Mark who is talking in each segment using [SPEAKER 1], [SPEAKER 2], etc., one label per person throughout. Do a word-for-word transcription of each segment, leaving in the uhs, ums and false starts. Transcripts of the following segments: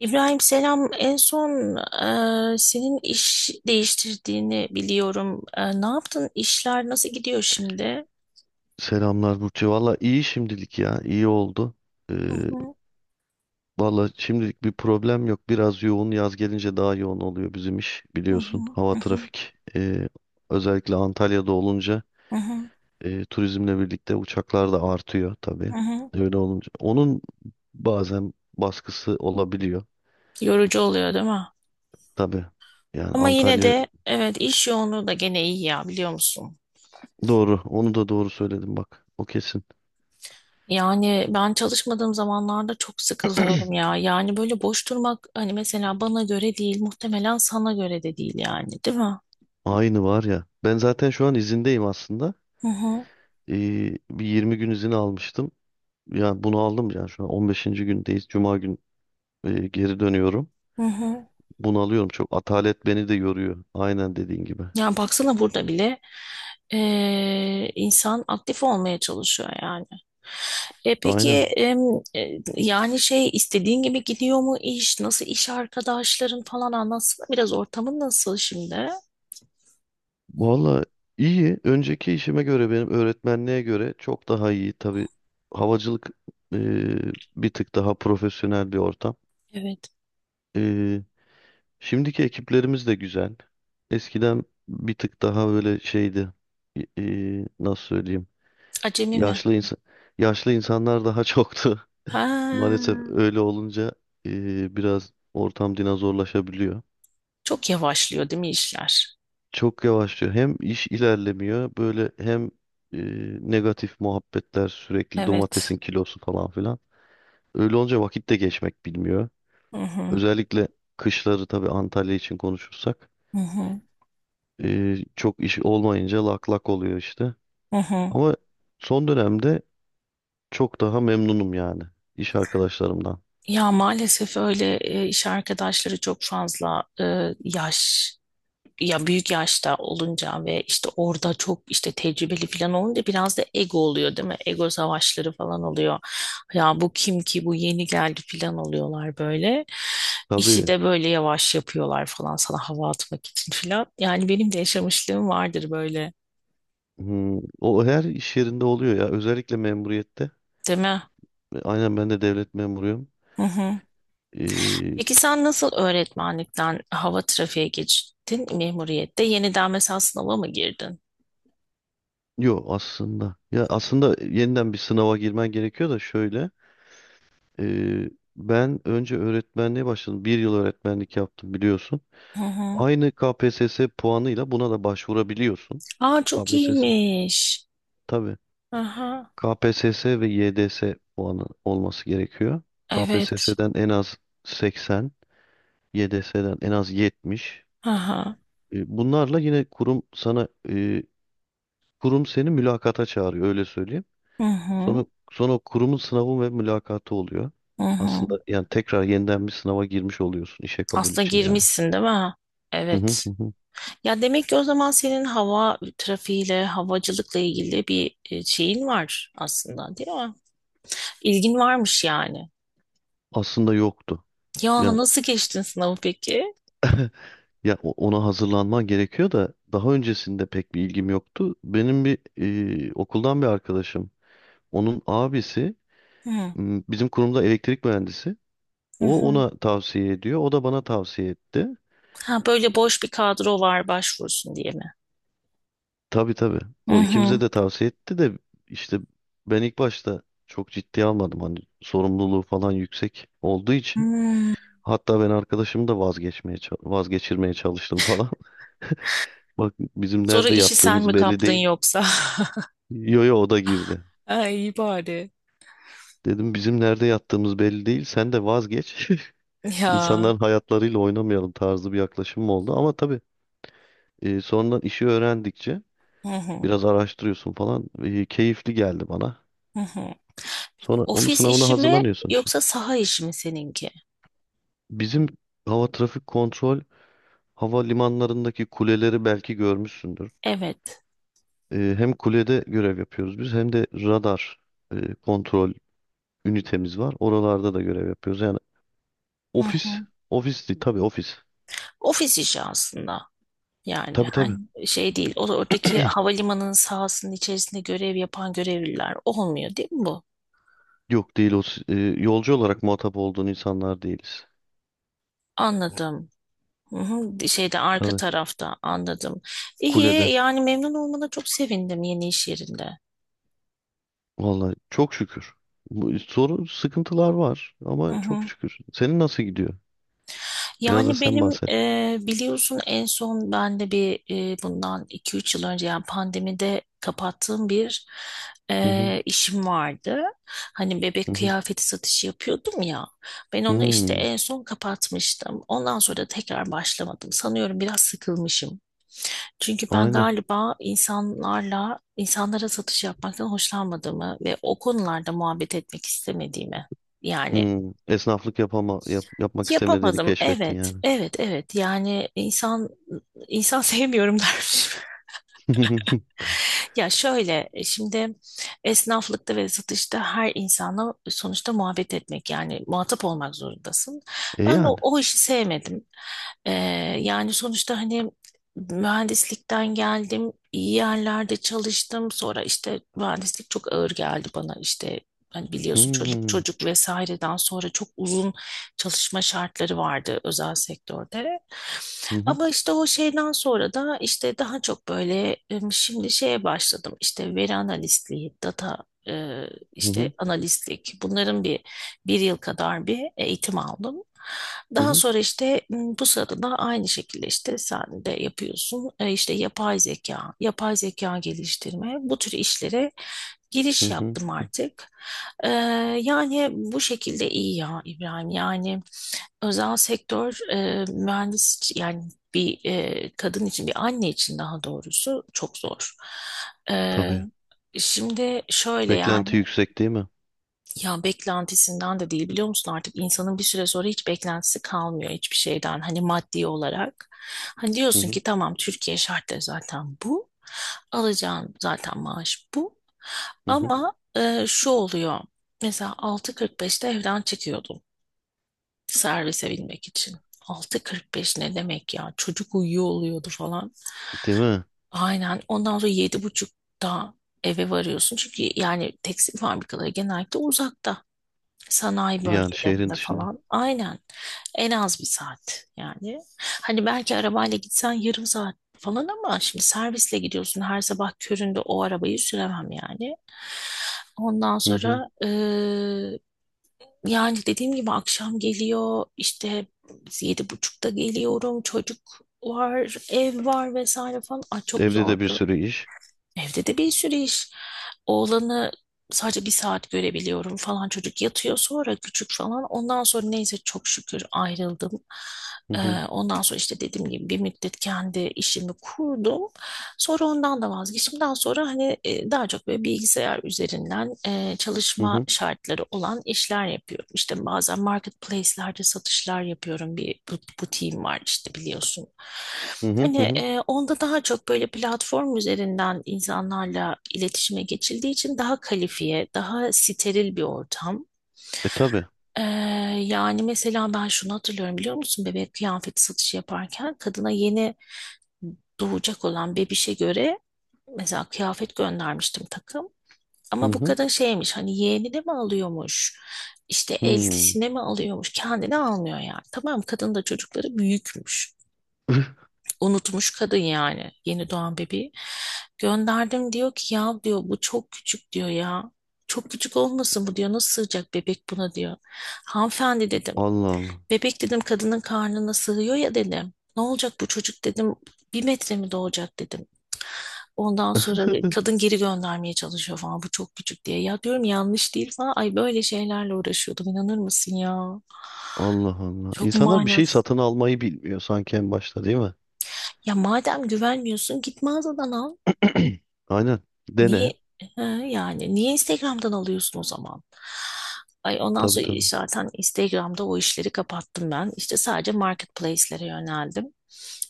[SPEAKER 1] İbrahim selam. En son e, senin iş değiştirdiğini biliyorum. E, ne yaptın? İşler nasıl gidiyor şimdi?
[SPEAKER 2] Selamlar Burcu. Valla iyi şimdilik ya. İyi oldu. Ee,
[SPEAKER 1] Hı hı.
[SPEAKER 2] valla şimdilik bir problem yok. Biraz yoğun. Yaz gelince daha yoğun oluyor bizim iş.
[SPEAKER 1] Hı hı.
[SPEAKER 2] Biliyorsun hava
[SPEAKER 1] Hı
[SPEAKER 2] trafik. ee, özellikle Antalya'da olunca
[SPEAKER 1] hı. Hı hı.
[SPEAKER 2] ee, turizmle birlikte uçaklar da artıyor tabii.
[SPEAKER 1] Hı. Hı.
[SPEAKER 2] Öyle olunca. Onun bazen baskısı olabiliyor.
[SPEAKER 1] Yorucu oluyor değil mi?
[SPEAKER 2] Tabii. Yani
[SPEAKER 1] Ama yine
[SPEAKER 2] Antalya
[SPEAKER 1] de evet iş yoğunluğu da gene iyi ya biliyor musun?
[SPEAKER 2] doğru. Onu da doğru söyledim bak. O kesin.
[SPEAKER 1] Yani ben çalışmadığım zamanlarda çok sıkılıyorum ya. Yani böyle boş durmak hani mesela bana göre değil, muhtemelen sana göre de değil yani, değil mi?
[SPEAKER 2] Aynı var ya. Ben zaten şu an izindeyim aslında.
[SPEAKER 1] Hı hı.
[SPEAKER 2] Ee, bir yirmi gün izin almıştım. Yani bunu aldım yani şu an on beşinci gündeyiz. Cuma gün e, geri dönüyorum.
[SPEAKER 1] Hı hı.
[SPEAKER 2] Bunu alıyorum. Çok atalet beni de yoruyor. Aynen dediğin gibi.
[SPEAKER 1] Yani baksana burada bile eee, insan aktif olmaya çalışıyor yani. E peki
[SPEAKER 2] Aynen.
[SPEAKER 1] em, e, yani şey istediğin gibi gidiyor mu iş? Nasıl iş arkadaşların falan anlatsana biraz ortamın nasıl şimdi?
[SPEAKER 2] Valla iyi. Önceki işime göre benim öğretmenliğe göre çok daha iyi. Tabii havacılık e, bir tık daha profesyonel bir ortam.
[SPEAKER 1] Evet.
[SPEAKER 2] E, şimdiki ekiplerimiz de güzel. Eskiden bir tık daha böyle şeydi. E, e, nasıl söyleyeyim?
[SPEAKER 1] Acemi mi?
[SPEAKER 2] Yaşlı insan yaşlı insanlar daha çoktu.
[SPEAKER 1] Ha,
[SPEAKER 2] Maalesef öyle olunca e, biraz ortam dinozorlaşabiliyor.
[SPEAKER 1] çok yavaşlıyor değil mi işler?
[SPEAKER 2] Çok yavaşlıyor. Hem iş ilerlemiyor böyle hem e, negatif muhabbetler sürekli
[SPEAKER 1] Evet.
[SPEAKER 2] domatesin kilosu falan filan. Öyle olunca vakit de geçmek bilmiyor.
[SPEAKER 1] Hı hı.
[SPEAKER 2] Özellikle kışları tabii Antalya için konuşursak
[SPEAKER 1] Hı hı.
[SPEAKER 2] e, çok iş olmayınca lak lak oluyor işte.
[SPEAKER 1] Hı hı.
[SPEAKER 2] Ama son dönemde çok daha memnunum yani iş arkadaşlarımdan.
[SPEAKER 1] Ya maalesef öyle e, iş arkadaşları çok fazla e, yaş. Ya büyük yaşta olunca ve işte orada çok işte tecrübeli falan olunca biraz da ego oluyor değil mi? Ego savaşları falan oluyor. Ya bu kim ki bu yeni geldi falan oluyorlar böyle. İşi
[SPEAKER 2] Tabii
[SPEAKER 1] de böyle yavaş yapıyorlar falan sana hava atmak için falan. Yani benim de yaşamışlığım vardır böyle,
[SPEAKER 2] hmm, o her iş yerinde oluyor ya özellikle memuriyette.
[SPEAKER 1] değil mi?
[SPEAKER 2] E, Aynen ben de devlet memuruyum.
[SPEAKER 1] Hı hı.
[SPEAKER 2] Ee,
[SPEAKER 1] Peki sen nasıl öğretmenlikten hava trafiğe geçtin memuriyette? Yeniden mesela sınava mı girdin?
[SPEAKER 2] yo aslında. Ya aslında yeniden bir sınava girmen gerekiyor da şöyle. ee, ben önce öğretmenliğe başladım. Bir yıl öğretmenlik yaptım biliyorsun.
[SPEAKER 1] Hı hı.
[SPEAKER 2] Aynı K P S S puanıyla buna da başvurabiliyorsun.
[SPEAKER 1] Aa, çok
[SPEAKER 2] K P S S.
[SPEAKER 1] iyiymiş.
[SPEAKER 2] Tabii.
[SPEAKER 1] Aha.
[SPEAKER 2] K P S S ve Y D S puanı olması gerekiyor.
[SPEAKER 1] Evet.
[SPEAKER 2] K P S S'den en az seksen, Y D S'den en az yetmiş.
[SPEAKER 1] Aha.
[SPEAKER 2] Ee, Bunlarla yine kurum sana ee, kurum seni mülakata çağırıyor öyle söyleyeyim.
[SPEAKER 1] Hı
[SPEAKER 2] Sonra,
[SPEAKER 1] hı.
[SPEAKER 2] sonra o kurumun sınavı ve mülakatı oluyor.
[SPEAKER 1] Hı hı.
[SPEAKER 2] Aslında yani tekrar yeniden bir sınava girmiş oluyorsun işe kabul
[SPEAKER 1] Aslında
[SPEAKER 2] için yani.
[SPEAKER 1] girmişsin, değil mi?
[SPEAKER 2] Hı hı
[SPEAKER 1] Evet.
[SPEAKER 2] hı. Hı.
[SPEAKER 1] Ya demek ki o zaman senin hava trafiğiyle, havacılıkla ilgili bir e, şeyin var aslında, değil mi? İlgin varmış yani.
[SPEAKER 2] Aslında yoktu.
[SPEAKER 1] Ya
[SPEAKER 2] Ya
[SPEAKER 1] nasıl geçtin sınavı peki?
[SPEAKER 2] ya o- ona hazırlanman gerekiyor da daha öncesinde pek bir ilgim yoktu. Benim bir e, okuldan bir arkadaşım, onun abisi
[SPEAKER 1] Hı.
[SPEAKER 2] m, bizim kurumda elektrik mühendisi.
[SPEAKER 1] Hı.
[SPEAKER 2] O
[SPEAKER 1] Hı.
[SPEAKER 2] ona tavsiye ediyor, o da bana tavsiye etti.
[SPEAKER 1] Ha, böyle boş bir kadro var başvursun diye mi?
[SPEAKER 2] Tabii tabii.
[SPEAKER 1] Hı
[SPEAKER 2] O ikimize
[SPEAKER 1] hı.
[SPEAKER 2] de tavsiye etti de işte ben ilk başta çok ciddiye almadım. Hani sorumluluğu falan yüksek olduğu için.
[SPEAKER 1] Hmm.
[SPEAKER 2] Hatta ben arkadaşımı da vazgeçmeye ça- vazgeçirmeye çalıştım falan. Bizim
[SPEAKER 1] Sonra
[SPEAKER 2] nerede
[SPEAKER 1] işi sen mi
[SPEAKER 2] yattığımız belli
[SPEAKER 1] kaptın
[SPEAKER 2] değil.
[SPEAKER 1] yoksa?
[SPEAKER 2] Yo yo o da girdi.
[SPEAKER 1] Ay, iyi bari.
[SPEAKER 2] Dedim bizim nerede yattığımız belli değil. Sen de vazgeç.
[SPEAKER 1] Ya.
[SPEAKER 2] İnsanların hayatlarıyla oynamayalım tarzı bir yaklaşımım oldu. Ama tabii e, sonradan işi öğrendikçe
[SPEAKER 1] Hı hı.
[SPEAKER 2] biraz araştırıyorsun falan. E, keyifli geldi bana.
[SPEAKER 1] Hı hı. Peki
[SPEAKER 2] Sonra onun
[SPEAKER 1] ofis
[SPEAKER 2] sınavına
[SPEAKER 1] işi mi
[SPEAKER 2] hazırlanıyorsun işte.
[SPEAKER 1] yoksa saha işi mi seninki?
[SPEAKER 2] Bizim hava trafik kontrol havalimanlarındaki kuleleri belki görmüşsündür.
[SPEAKER 1] Evet.
[SPEAKER 2] Ee, hem kulede görev yapıyoruz biz hem de radar e, kontrol ünitemiz var. Oralarda da görev yapıyoruz. Yani
[SPEAKER 1] Hı
[SPEAKER 2] ofis,
[SPEAKER 1] hı.
[SPEAKER 2] ofis değil tabii ofis.
[SPEAKER 1] Ofis işi aslında. Yani
[SPEAKER 2] Tabii tabii.
[SPEAKER 1] hani şey değil. O oradaki havalimanının sahasının içerisinde görev yapan görevliler olmuyor değil mi bu?
[SPEAKER 2] Yok değil o s- e, yolcu olarak muhatap olduğun insanlar değiliz.
[SPEAKER 1] Anladım. Hı hı, şeyde arka
[SPEAKER 2] Tabii
[SPEAKER 1] tarafta anladım. İyi
[SPEAKER 2] kulede.
[SPEAKER 1] yani, memnun olmana çok sevindim yeni iş yerinde.
[SPEAKER 2] Vallahi çok şükür. Bu sorun sıkıntılar var
[SPEAKER 1] Hı
[SPEAKER 2] ama çok
[SPEAKER 1] hı.
[SPEAKER 2] şükür. Senin nasıl gidiyor? Biraz da
[SPEAKER 1] Yani
[SPEAKER 2] sen
[SPEAKER 1] benim
[SPEAKER 2] bahset.
[SPEAKER 1] e, biliyorsun en son ben de bir e, bundan iki üç yıl önce yani pandemide kapattığım bir
[SPEAKER 2] Hı hı
[SPEAKER 1] e, işim vardı. Hani bebek
[SPEAKER 2] hı hı.
[SPEAKER 1] kıyafeti satışı yapıyordum ya. Ben onu işte
[SPEAKER 2] Hmm,
[SPEAKER 1] en son kapatmıştım. Ondan sonra da tekrar başlamadım. Sanıyorum biraz sıkılmışım. Çünkü ben
[SPEAKER 2] aynen.
[SPEAKER 1] galiba insanlarla, insanlara satış yapmaktan hoşlanmadığımı ve o konularda muhabbet etmek istemediğimi yani
[SPEAKER 2] Hmm, esnaflık yapama, yap- yapmak istemediğini
[SPEAKER 1] yapamadım.
[SPEAKER 2] keşfettin
[SPEAKER 1] Evet,
[SPEAKER 2] yani.
[SPEAKER 1] evet, evet. Yani insan insan sevmiyorum dermişim. Ya şöyle e, şimdi esnaflıkta ve satışta her insanla sonuçta muhabbet etmek yani muhatap olmak zorundasın.
[SPEAKER 2] E
[SPEAKER 1] Ben de o,
[SPEAKER 2] yani.
[SPEAKER 1] o işi sevmedim. Ee, Yani sonuçta hani mühendislikten geldim, iyi yerlerde çalıştım. Sonra işte mühendislik çok ağır geldi bana işte. Hani biliyorsun, çocuk
[SPEAKER 2] Hmm,
[SPEAKER 1] çocuk vesaireden sonra çok uzun çalışma şartları vardı özel sektörde.
[SPEAKER 2] hı hı,
[SPEAKER 1] Ama işte o şeyden sonra da işte daha çok böyle e, şimdi şeye başladım işte, veri analistliği, data e,
[SPEAKER 2] hı
[SPEAKER 1] işte
[SPEAKER 2] hı,
[SPEAKER 1] analistlik, bunların bir bir yıl kadar bir eğitim aldım.
[SPEAKER 2] hı
[SPEAKER 1] Daha
[SPEAKER 2] hı,
[SPEAKER 1] sonra işte m, bu sırada da aynı şekilde işte sen de yapıyorsun, E, işte yapay zeka, yapay zeka geliştirme, bu tür işlere
[SPEAKER 2] hı
[SPEAKER 1] giriş
[SPEAKER 2] hı.
[SPEAKER 1] yaptım artık. E, Yani bu şekilde iyi ya İbrahim yani. Özel sektör e, mühendis yani bir e, kadın için, bir anne için daha doğrusu çok zor. E,
[SPEAKER 2] Tabii.
[SPEAKER 1] Şimdi şöyle yani,
[SPEAKER 2] Beklenti yüksek değil mi?
[SPEAKER 1] ya beklentisinden de değil biliyor musun, artık insanın bir süre sonra hiç beklentisi kalmıyor hiçbir şeyden, hani maddi olarak. Hani
[SPEAKER 2] Hı
[SPEAKER 1] diyorsun
[SPEAKER 2] hı,
[SPEAKER 1] ki tamam, Türkiye şartları zaten bu. Alacağın zaten maaş bu.
[SPEAKER 2] hı hı.
[SPEAKER 1] Ama e, şu oluyor. Mesela altı kırk beşte evden çıkıyordum, servise binmek için. altı kırk beş ne demek ya? Çocuk uyuyor oluyordu falan.
[SPEAKER 2] Değil mi?
[SPEAKER 1] Aynen. Ondan sonra yedi buçukta eve varıyorsun. Çünkü yani tekstil fabrikaları genellikle uzakta. Sanayi
[SPEAKER 2] Yani şehrin
[SPEAKER 1] bölgelerinde
[SPEAKER 2] dışında.
[SPEAKER 1] falan. Aynen. En az bir saat yani. Hani belki arabayla gitsen yarım saat falan, ama şimdi servisle gidiyorsun. Her sabah köründe o arabayı süremem yani. Ondan
[SPEAKER 2] Hı hı.
[SPEAKER 1] sonra yani dediğim gibi akşam geliyor işte, yedi buçukta geliyorum, çocuk var, ev var, vesaire falan. Ay, çok
[SPEAKER 2] Evde de bir
[SPEAKER 1] zordu.
[SPEAKER 2] sürü iş.
[SPEAKER 1] Evde de bir sürü iş. Oğlanı sadece bir saat görebiliyorum falan. Çocuk yatıyor sonra, küçük falan. Ondan sonra neyse çok şükür ayrıldım.
[SPEAKER 2] Hı hı,
[SPEAKER 1] Ee, ondan sonra işte dediğim gibi bir müddet kendi işimi kurdum. Sonra ondan da vazgeçtim. Daha sonra hani e, daha çok böyle bilgisayar üzerinden e,
[SPEAKER 2] hı
[SPEAKER 1] çalışma
[SPEAKER 2] hı,
[SPEAKER 1] şartları olan işler yapıyorum. İşte bazen marketplace'lerde satışlar yapıyorum. Bir bu- butiğim var işte biliyorsun.
[SPEAKER 2] hı hı,
[SPEAKER 1] Hani
[SPEAKER 2] hı hı.
[SPEAKER 1] e, onda daha çok böyle platform üzerinden insanlarla iletişime geçildiği için daha kalifiye, daha steril bir ortam.
[SPEAKER 2] E tabii.
[SPEAKER 1] E, Yani mesela ben şunu hatırlıyorum biliyor musun? Bebek kıyafeti satışı yaparken kadına, yeni doğacak olan bebişe göre mesela kıyafet göndermiştim, takım.
[SPEAKER 2] Hı
[SPEAKER 1] Ama bu
[SPEAKER 2] hı,
[SPEAKER 1] kadın şeymiş hani, yeğenine mi alıyormuş, işte
[SPEAKER 2] hmm.
[SPEAKER 1] eltisine mi alıyormuş? Kendine almıyor yani. Tamam, kadın da çocukları büyükmüş. Unutmuş kadın yani yeni doğan bebeği. Gönderdim, diyor ki ya, diyor bu çok küçük diyor ya. Çok küçük olmasın bu diyor, nasıl sığacak bebek buna diyor. Hanımefendi dedim.
[SPEAKER 2] Allah Allah.
[SPEAKER 1] Bebek dedim, kadının karnına sığıyor ya dedim. Ne olacak bu çocuk dedim. Bir metre mi doğacak dedim. Ondan sonra kadın geri göndermeye çalışıyor falan, bu çok küçük diye. Ya diyorum yanlış değil falan. Ay böyle şeylerle uğraşıyordum, inanır mısın ya?
[SPEAKER 2] Allah Allah.
[SPEAKER 1] Çok
[SPEAKER 2] İnsanlar bir şey
[SPEAKER 1] manasız.
[SPEAKER 2] satın almayı bilmiyor sanki en başta değil mi?
[SPEAKER 1] Ya madem güvenmiyorsun git mağazadan al.
[SPEAKER 2] Aynen.
[SPEAKER 1] Niye
[SPEAKER 2] Dene.
[SPEAKER 1] Ha, yani niye Instagram'dan alıyorsun o zaman? Ay ondan
[SPEAKER 2] Tabii
[SPEAKER 1] sonra
[SPEAKER 2] tabii.
[SPEAKER 1] zaten Instagram'da o işleri kapattım ben. İşte sadece marketplace'lere yöneldim.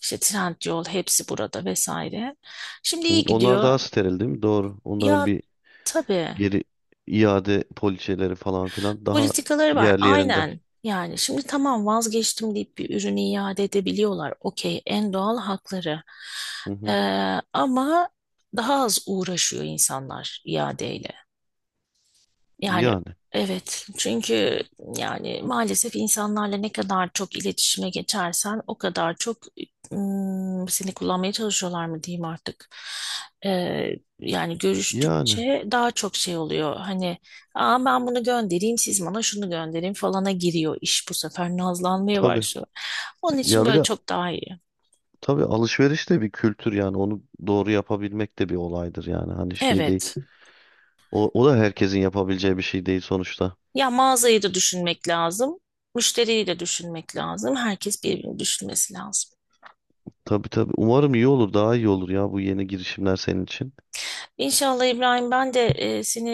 [SPEAKER 1] İşte Trendyol, hepsi burada vesaire. Şimdi
[SPEAKER 2] Hı.
[SPEAKER 1] iyi
[SPEAKER 2] Onlar
[SPEAKER 1] gidiyor.
[SPEAKER 2] daha steril değil mi? Doğru. Onların
[SPEAKER 1] Ya
[SPEAKER 2] bir
[SPEAKER 1] tabii,
[SPEAKER 2] geri iade poliçeleri falan filan daha
[SPEAKER 1] politikaları var
[SPEAKER 2] yerli yerinde.
[SPEAKER 1] aynen. Yani şimdi tamam vazgeçtim deyip bir ürünü iade edebiliyorlar. Okey, en doğal hakları.
[SPEAKER 2] Hı
[SPEAKER 1] Ee,
[SPEAKER 2] hı.
[SPEAKER 1] Ama daha az uğraşıyor insanlar iadeyle. Yani
[SPEAKER 2] Yani
[SPEAKER 1] evet, çünkü yani maalesef insanlarla ne kadar çok iletişime geçersen o kadar çok ım, seni kullanmaya çalışıyorlar mı diyeyim artık. Ee, Yani
[SPEAKER 2] yani
[SPEAKER 1] görüştükçe daha çok şey oluyor. Hani aa, ben bunu göndereyim siz bana şunu gönderin falana giriyor iş, bu sefer nazlanmaya
[SPEAKER 2] tabii
[SPEAKER 1] başlıyor. Onun için
[SPEAKER 2] ya bir
[SPEAKER 1] böyle
[SPEAKER 2] de
[SPEAKER 1] çok daha iyi.
[SPEAKER 2] tabii alışveriş de bir kültür yani onu doğru yapabilmek de bir olaydır yani hani şey değil.
[SPEAKER 1] Evet.
[SPEAKER 2] O, o da herkesin yapabileceği bir şey değil sonuçta.
[SPEAKER 1] Ya mağazayı da düşünmek lazım. Müşteriyi de düşünmek lazım. Herkes birbirini düşünmesi lazım.
[SPEAKER 2] Tabii tabii umarım iyi olur daha iyi olur ya bu yeni girişimler senin için.
[SPEAKER 1] İnşallah İbrahim, ben de e, seni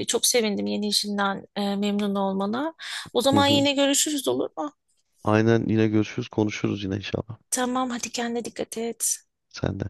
[SPEAKER 1] e, çok sevindim yeni işinden e, memnun olmana. O
[SPEAKER 2] Hı
[SPEAKER 1] zaman
[SPEAKER 2] hı.
[SPEAKER 1] yine görüşürüz olur mu?
[SPEAKER 2] Aynen yine görüşürüz konuşuruz yine inşallah.
[SPEAKER 1] Tamam hadi, kendine dikkat et.
[SPEAKER 2] Sen de.